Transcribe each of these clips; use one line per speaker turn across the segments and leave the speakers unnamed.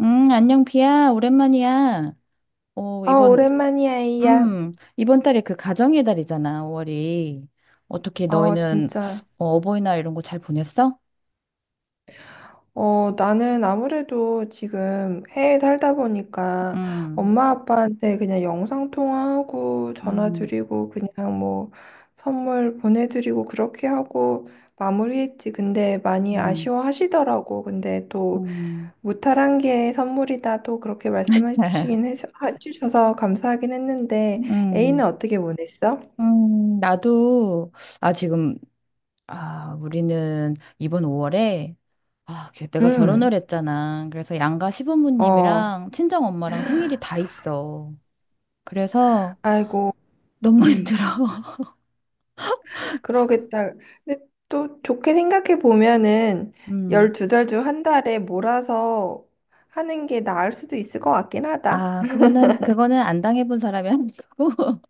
안녕, 비야. 오랜만이야. 어,
아,
이번,
오랜만이야, 이야.
이번 달에 그 가정의 달이잖아, 5월이. 어떻게
아,
너희는
진짜.
어버이날 이런 거 잘 보냈어?
어, 나는 아무래도 지금 해외 살다 보니까
음.
엄마 아빠한테 그냥 영상 통화하고 전화
음.
드리고 그냥 뭐 선물 보내드리고 그렇게 하고 마무리했지. 근데 많이
음.
아쉬워하시더라고. 근데 또
음.
무탈한 게 선물이다. 또 그렇게 말씀해 주시긴 해서, 해주셔서 감사하긴 했는데 A는
음,
어떻게 보냈어?
나도, 지금, 우리는 이번 5월에, 내가 결혼을
음,
했잖아. 그래서 양가
어,
시부모님이랑 친정 엄마랑 생일이 다 있어. 그래서
아이고.
너무
음.
힘들어.
그러겠다. 근데 또 좋게 생각해 보면은
음.
12달 중 한 달에 몰아서 하는 게 나을 수도 있을 것 같긴 하다.
그거는 안 당해본 사람이 하는 거고,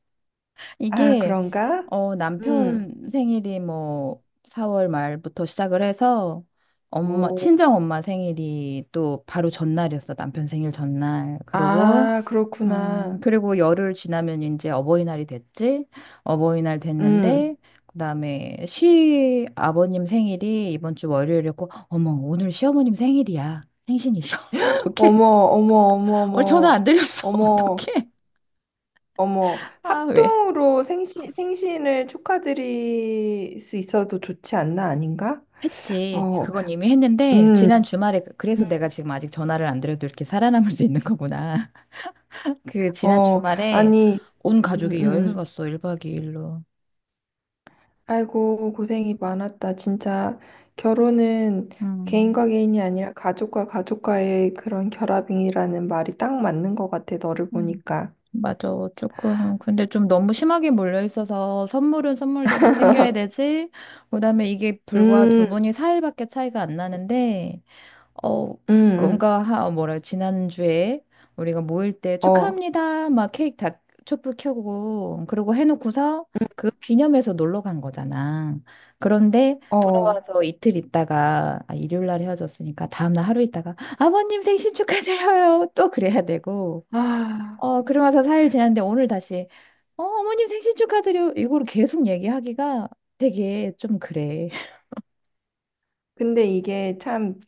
아,
이게,
그런가? 음.
남편 생일이 뭐, 4월 말부터 시작을 해서, 엄마,
오.
친정 엄마 생일이 또 바로 전날이었어, 남편 생일 전날. 그리고,
아,
음,
그렇구나.
그리고 열흘 지나면 이제 어버이날이 됐지? 어버이날 됐는데,
음.
그다음에 시아버님 생일이 이번 주 월요일이었고, 어머, 오늘 시어머님 생일이야. 생신이셔. 어떡해?
어머, 어머, 어머,
오늘 전화 안
어머.
드렸어.
어머,
어떡해?
어머.
아, 왜?
합동으로 생신을 축하드릴 수 있어도 좋지 않나, 아닌가?
했지.
어,
그건 이미 했는데,
음,
지난 주말에, 그- 래
음.
서 내가 지금 아직 전화를 안 드려도 이렇게 살아남을 수 있는 거구나. 그 지난
어,
주말에
아니,
온
음,
가족이 여행을
음.
갔어, 1박 2일로.
아이고, 고생이 많았다. 진짜 결혼은
음.
개인과 개인이 아니라 가족과 가족과의 그런 결합이라는 말이 딱 맞는 것 같아, 너를
음.
보니까.
맞아. 조금. 근데 좀 너무 심하게 몰려 있어서 선물은 선물대로 챙겨야 되지. 그다음에 이게 불과
음,
두 분이 4일밖에 차이가 안 나는데 어,
음, 음.
뭔가, 지난주에 우리가 모일 때
어,
축하합니다. 막 케이크 다 촛불 켜고, 그러고 해놓고서
음,
그 기념해서 놀러 간 거잖아. 그런데
어.
돌아와서 이틀 있다가, 일요일 날 헤어졌으니까 다음날 하루 있다가, 아버님 생신 축하드려요. 또 그래야 되고.
아,
그러고 나서 4일 지났는데 오늘 다시, 어머님 생신 축하드려요. 이걸 계속 얘기하기가 되게 좀 그래.
근데 이게 참,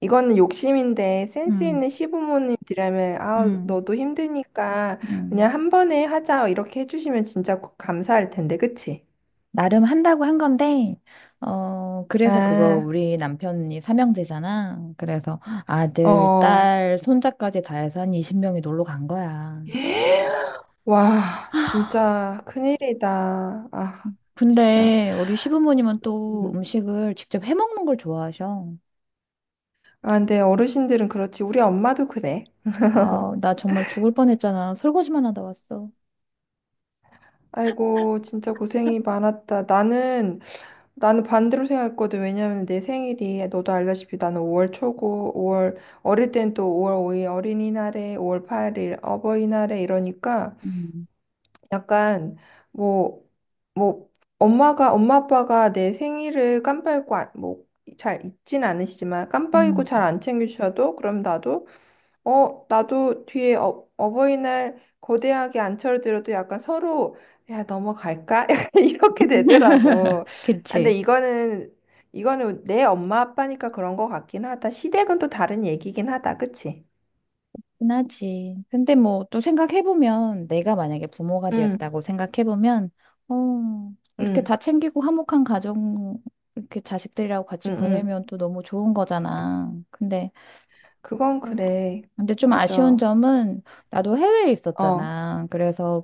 이거는 욕심인데 센스
음.
있는 시부모님들이라면, 아,
음.
너도 힘드니까
음.
그냥 한 번에 하자. 이렇게 해주시면 진짜 감사할 텐데, 그치?
나름 한다고 한 건데, 그래서 그거
아,
우리 남편이 삼형제잖아. 그래서 아들,
어.
딸, 손자까지 다 해서 한 20명이 놀러 간 거야.
와, 진짜 큰일이다. 아, 진짜.
근데 우리 시부모님은 또
음.
음식을 직접 해 먹는 걸 좋아하셔.
아, 근데 어르신들은 그렇지. 우리 엄마도 그래.
아, 나 정말 죽을 뻔했잖아. 설거지만 하다 왔어.
아이고, 진짜 고생이 많았다. 나는 반대로 생각했거든. 왜냐면 내 생일이, 너도 알다시피 나는 5월 초고, 5월, 어릴 땐 또 5월 5일 어린이날에, 5월 8일 어버이날에 이러니까
음.
약간 뭐 뭐 엄마 아빠가 내 생일을 깜빡이고 뭐잘 잊진 않으시지만 깜빡이고
음.
잘 안 챙겨주셔도 그럼 나도 나도 뒤에 어버이날 거대하게 안 차려드려도 약간 서로 야 넘어갈까 약간 이렇게 되더라고. 아, 근데
그치?
이거는 내 엄마 아빠니까 그런 거 같긴 하다. 시댁은 또 다른 얘기긴 하다, 그치?
흔하지. 근데 뭐 또 생각해보면 내가 만약에 부모가
응,
되었다고 생각해보면 어, 이렇게
응,
다 챙기고 화목한 가정 이렇게 자식들이랑 같이
응, 응.
보내면 또 너무 좋은 거잖아.
그건
아,
그래.
근데 좀 아쉬운
맞아.
점은 나도 해외에
어.
있었잖아. 그래서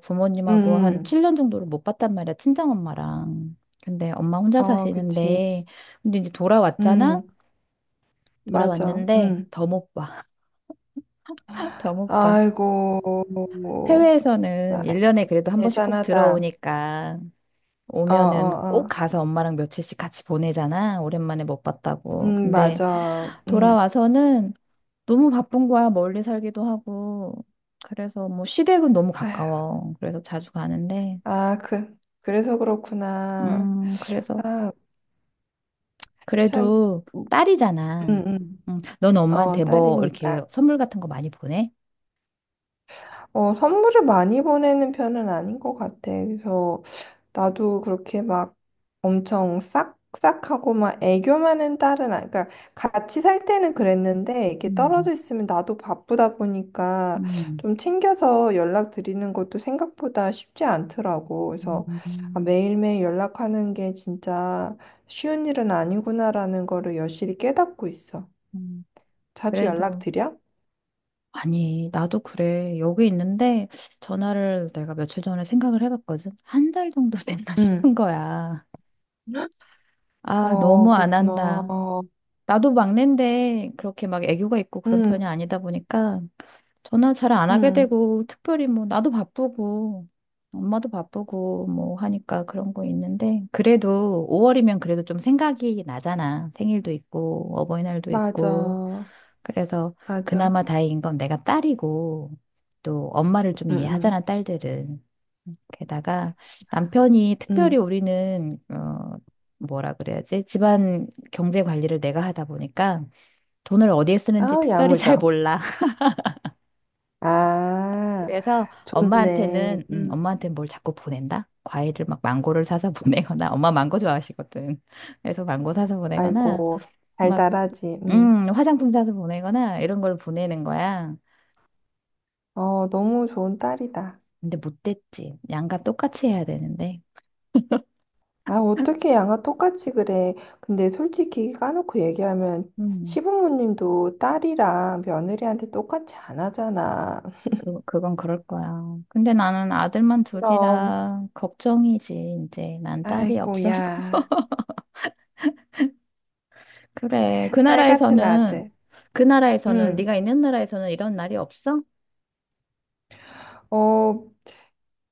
음,
부모님하고 한
음.
7년 정도를 못 봤단 말이야. 친정엄마랑. 근데 엄마 혼자
아, 그치.
사시는데 근데 이제 돌아왔잖아.
음, 맞아.
돌아왔는데
음.
더 못 봐. 더 못 봐.
아이고,
해외에서는
나
1년에 그래도 한 번씩 꼭
애잔하다.
들어오니까
어,
오면은
어,
꼭
어.
가서 엄마랑 며칠씩 같이 보내잖아. 오랜만에 못 봤다고. 근데
맞아. 음.
돌아와서는 너무 바쁜 거야. 멀리 살기도 하고. 그래서 뭐 시댁은 너무
아휴,
가까워. 그래서 자주 가는데.
아, 그, 그래서 그렇구나.
그래서
아, 참,
그래도
음,
딸이잖아.
음.
넌
어,
엄마한테 뭐 이렇게
딸이니까.
선물 같은 거 많이 보내?
어, 선물을 많이 보내는 편은 아닌 것 같아. 그래서 나도 그렇게 막 엄청 싹싹하고 막 애교 많은 딸은 아니, 그러니까 같이 살 때는 그랬는데 이렇게
음.
떨어져 있으면 나도 바쁘다 보니까
음.
좀 챙겨서 연락 드리는 것도 생각보다 쉽지 않더라고. 그래서 아,
음.
매일매일 연락하는 게 진짜 쉬운 일은 아니구나라는 거를 여실히 깨닫고 있어.
음.
자주 연락
그래도
드려?
아니, 나도 그래. 여기 있는데 전화를 내가 며칠 전에 생각을 해봤거든. 한 달 정도 됐나
응.
싶은 거야. 아,
어,
너무 안
그렇구나.
한다.
어,
나도 막내인데 그렇게 막 애교가 있고 그런
응.
편이 아니다 보니까 전화 잘 안 하게
응,
되고, 특별히 뭐, 나도 바쁘고, 엄마도 바쁘고, 뭐, 하니까 그런 거 있는데, 그래도 5월이면 그래도 좀 생각이 나잖아. 생일도 있고, 어버이날도 있고.
맞아,
그래서
맞아.
그나마 다행인 건 내가 딸이고, 또 엄마를 좀
응, 응,
이해하잖아, 딸들은. 게다가 남편이
응.
특별히 우리는, 뭐라 그래야지? 집안 경제 관리를 내가 하다 보니까 돈을 어디에 쓰는지
아우,
특별히 잘
야무져.
몰라.
아,
그래서
좋네.
엄마한테는 음,
응
엄마한테는 뭘 자꾸 보낸다? 과일을 막 망고를 사서 보내거나 엄마 망고 좋아하시거든. 그래서 망고 사서 보내거나
아이고,
막
달달하지. 응.
화장품 사서 보내거나 이런 걸 보내는 거야.
어, 너무 좋은 딸이다.
근데 못됐지. 양과 똑같이 해야 되는데.
아, 어떻게 양아 똑같이 그래. 근데 솔직히 까놓고 얘기하면
음,
시부모님도 딸이랑 며느리한테 똑같이 안 하잖아.
그건 그럴 거야. 근데 나는 아들만
그럼,
둘이라 걱정이지. 이제 난 딸이
아이고,
없어서.
야.
그래. 그
딸 같은
나라에서는
아들.
그 나라에서는
응.
네가 있는 나라에서는 이런 날이 없어?
어,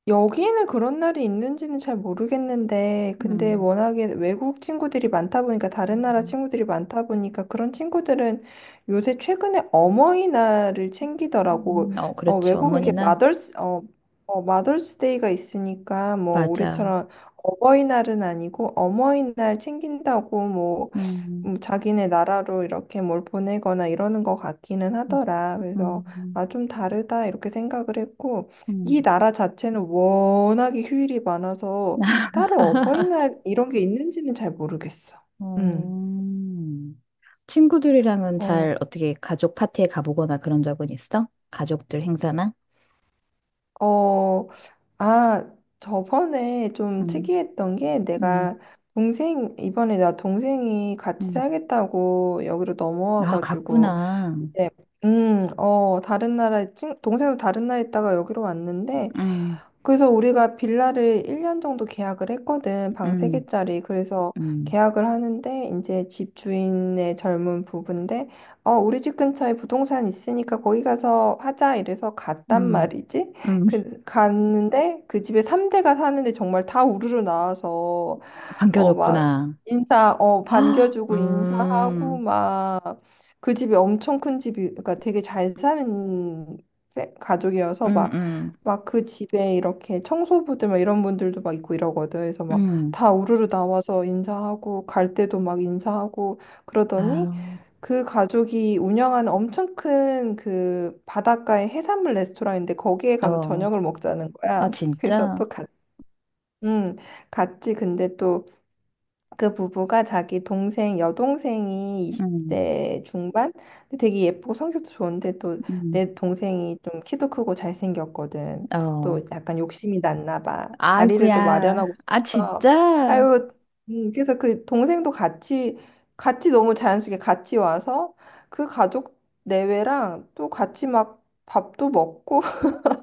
여기는 그런 날이 있는지는 잘 모르겠는데, 근데
음.
워낙에 외국 친구들이 많다 보니까, 다른 나라 친구들이 많다 보니까, 그런 친구들은 요새 최근에 어머니날을 챙기더라고.
음.
어,
그렇죠.
외국은 이게
어머니는.
마더스, 어, 어, 마더스데이가 있으니까, 뭐,
맞아.
우리처럼 어버이날은 아니고, 어머니날 챙긴다고, 뭐,
음.
자기네 나라로 이렇게 뭘 보내거나 이러는 것 같기는
음.
하더라. 그래서,
음.
아, 좀 다르다, 이렇게 생각을 했고, 이
음.
나라 자체는 워낙에 휴일이 많아서 따로 어버이날 이런 게 있는지는 잘 모르겠어. 음.
음. 친구들이랑은
어,
잘 어떻게 가족 파티에 가보거나 그런 적은 있어? 가족들 행사나?
어, 아, 저번에 좀
음.
특이했던 게
음.
내가 이번에 나 동생이 같이
음.
살겠다고 여기로
아,
넘어와가지고,
갔구나.
이제, 어, 동생도 다른 나라에 있다가 여기로 왔는데,
음.
그래서 우리가 빌라를 1년 정도 계약을 했거든. 방
음.
3개짜리. 그래서
음.
계약을 하는데 이제 집주인의 젊은 부부인데 어, 우리 집 근처에 부동산 있으니까 거기 가서 하자 이래서 갔단
음.
말이지.
음.
그 갔는데 그 집에 3대가 사는데 정말 다 우르르 나와서 어, 막,
반겨줬구나. 아,
반겨주고 인사하고,
음.
막, 그 집이 엄청 큰 집이, 그러니까 되게 잘 사는 가족이어서,
음.
막,
음.
막 그 집에 이렇게 청소부들 막 이런 분들도 막 있고 이러거든. 그래서 막
음.
다 우르르 나와서 인사하고 갈 때도 막 인사하고 그러더니
아,
그 가족이 운영하는 엄청 큰 그 바닷가의 해산물 레스토랑인데 거기에 가서
어.
저녁을 먹자는
아,
거야. 그래서
진짜?
또 갔, 음, 갔지. 근데 그 부부가 자기 동생 여동생이
음.
20대 중반 근데 되게 예쁘고 성격도 좋은데 또
음.
내 동생이 좀 키도 크고 잘생겼거든.
어.
또 약간 욕심이 났나 봐. 자리를 또 마련하고
아이고야. 아,
싶어서
진짜?
아유 그래서 그 동생도 같이 너무 자연스럽게 같이 와서 그 가족 내외랑 또 같이 막 밥도 먹고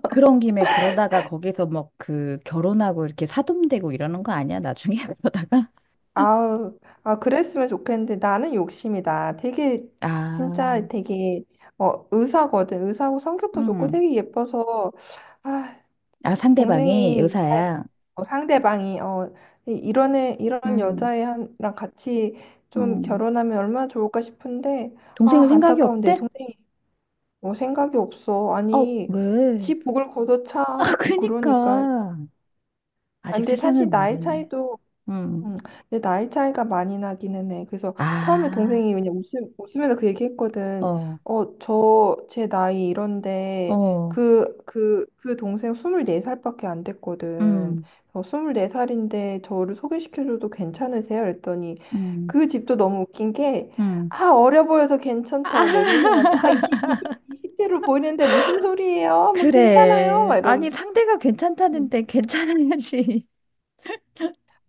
그런 김에 그러다가 거기서 막 그 결혼하고 이렇게 사돈되고 이러는 거 아니야? 나중에 그러다가?
아우, 아, 그랬으면 좋겠는데 나는 욕심이다. 되게, 진짜
아,
되게, 어, 의사거든. 의사고 성격도 좋고
음.
되게 예뻐서, 아,
아, 상대방이
동생이, 아,
여사야.
상대방이, 어, 이런 애, 이런
음.
여자애랑 같이 좀
음.
결혼하면 얼마나 좋을까 싶은데,
동생은
아,
생각이
안타까운 내
없대?
동생이 뭐 생각이 없어.
어,
아니,
왜?
지 복을 걷어차.
아,
그러니까.
그니까. 아직
안 돼.
세상을
사실 나이
모르네.
차이도
음.
음, 근데 나이 차이가 많이 나기는 해. 그래서 처음에
아,
동생이 그냥 웃으면서 그 얘기했거든.
어,
어, 제 나이 이런데,
어,
그 동생 24살밖에 안 됐거든.
음,
어, 24살인데 저를 소개시켜줘도 괜찮으세요? 그랬더니
음,
그 집도 너무 웃긴 게,
음.
아, 어려 보여서
아,
괜찮다고 내 동생한테, 아, 20대로 보이는데 무슨 소리예요? 뭐 괜찮아요?
그래.
막
아니,
이러면.
상대가 괜찮다는데 괜찮아야지.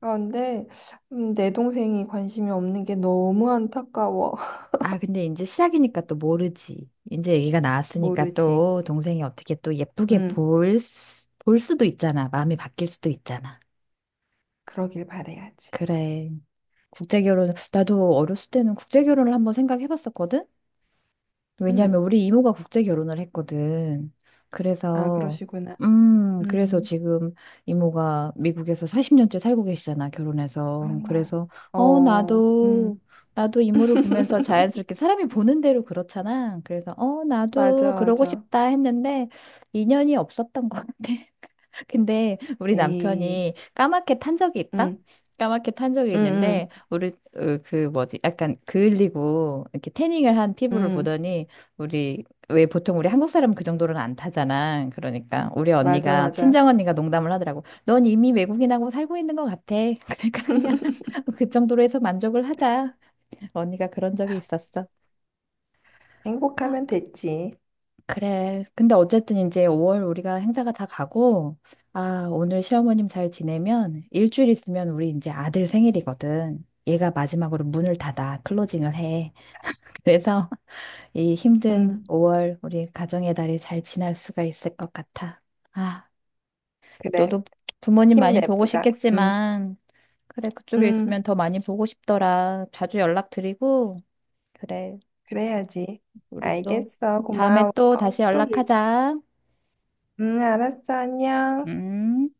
아, 근데 내 동생이 관심이 없는 게 너무 안타까워.
아, 근데 이제 시작이니까 또 모르지. 이제 얘기가 나왔으니까
모르지.
또 동생이 어떻게 또 예쁘게
음,
볼 수도 있잖아. 마음이 바뀔 수도 있잖아.
그러길 바래야지.
그래. 국제결혼, 나도 어렸을 때는 국제결혼을 한번 생각해봤었거든? 왜냐하면
음,
우리 이모가 국제 결혼을 했거든.
아,
그래서,
그러시구나.
그래서
음,
지금 이모가 미국에서 40년째 살고 계시잖아, 결혼해서. 그래서,
어,
어,
어,
나도, 나도 이모를 보면서 자연스럽게 사람이 보는 대로 그렇잖아. 그래서, 나도
맞아,
그러고
맞아.
싶다 했는데, 인연이 없었던 것 같아. 근데 우리
에이,
남편이 까맣게 탄 적이 있다?
음,
까맣게 탄 적이
음,
있는데
음,
우리 그 뭐지 약간 그을리고 이렇게 태닝을 한 피부를
음,
보더니 우리 왜 보통 우리 한국 사람은 그 정도로는 안 타잖아. 그러니까 우리
맞아,
언니가
맞아.
친정 언니가 농담을 하더라고. 넌 이미 외국인하고 살고 있는 것 같아. 그러니까 그냥 그 정도로 해서 만족을 하자. 언니가 그런 적이 있었어.
행복하면 됐지.
그래. 근데 어쨌든 이제 5월 우리가 행사가 다 가고, 아, 오늘 시어머님 잘 지내면 일주일 있으면 우리 이제 아들 생일이거든. 얘가 마지막으로 문을 닫아, 클로징을 해. 그래서 이 힘든
음,
5월 우리 가정의 달이 잘 지날 수가 있을 것 같아. 아, 너도
그래.
부모님 많이 보고
힘내보자.
싶겠지만, 그래, 그쪽에 있으면
음,
더 많이 보고 싶더라. 자주 연락드리고, 그래,
그래야지.
우리 또
알겠어.
다음에
고마워.
또 다시
또,
연락하자.
알았어. 안녕.
음.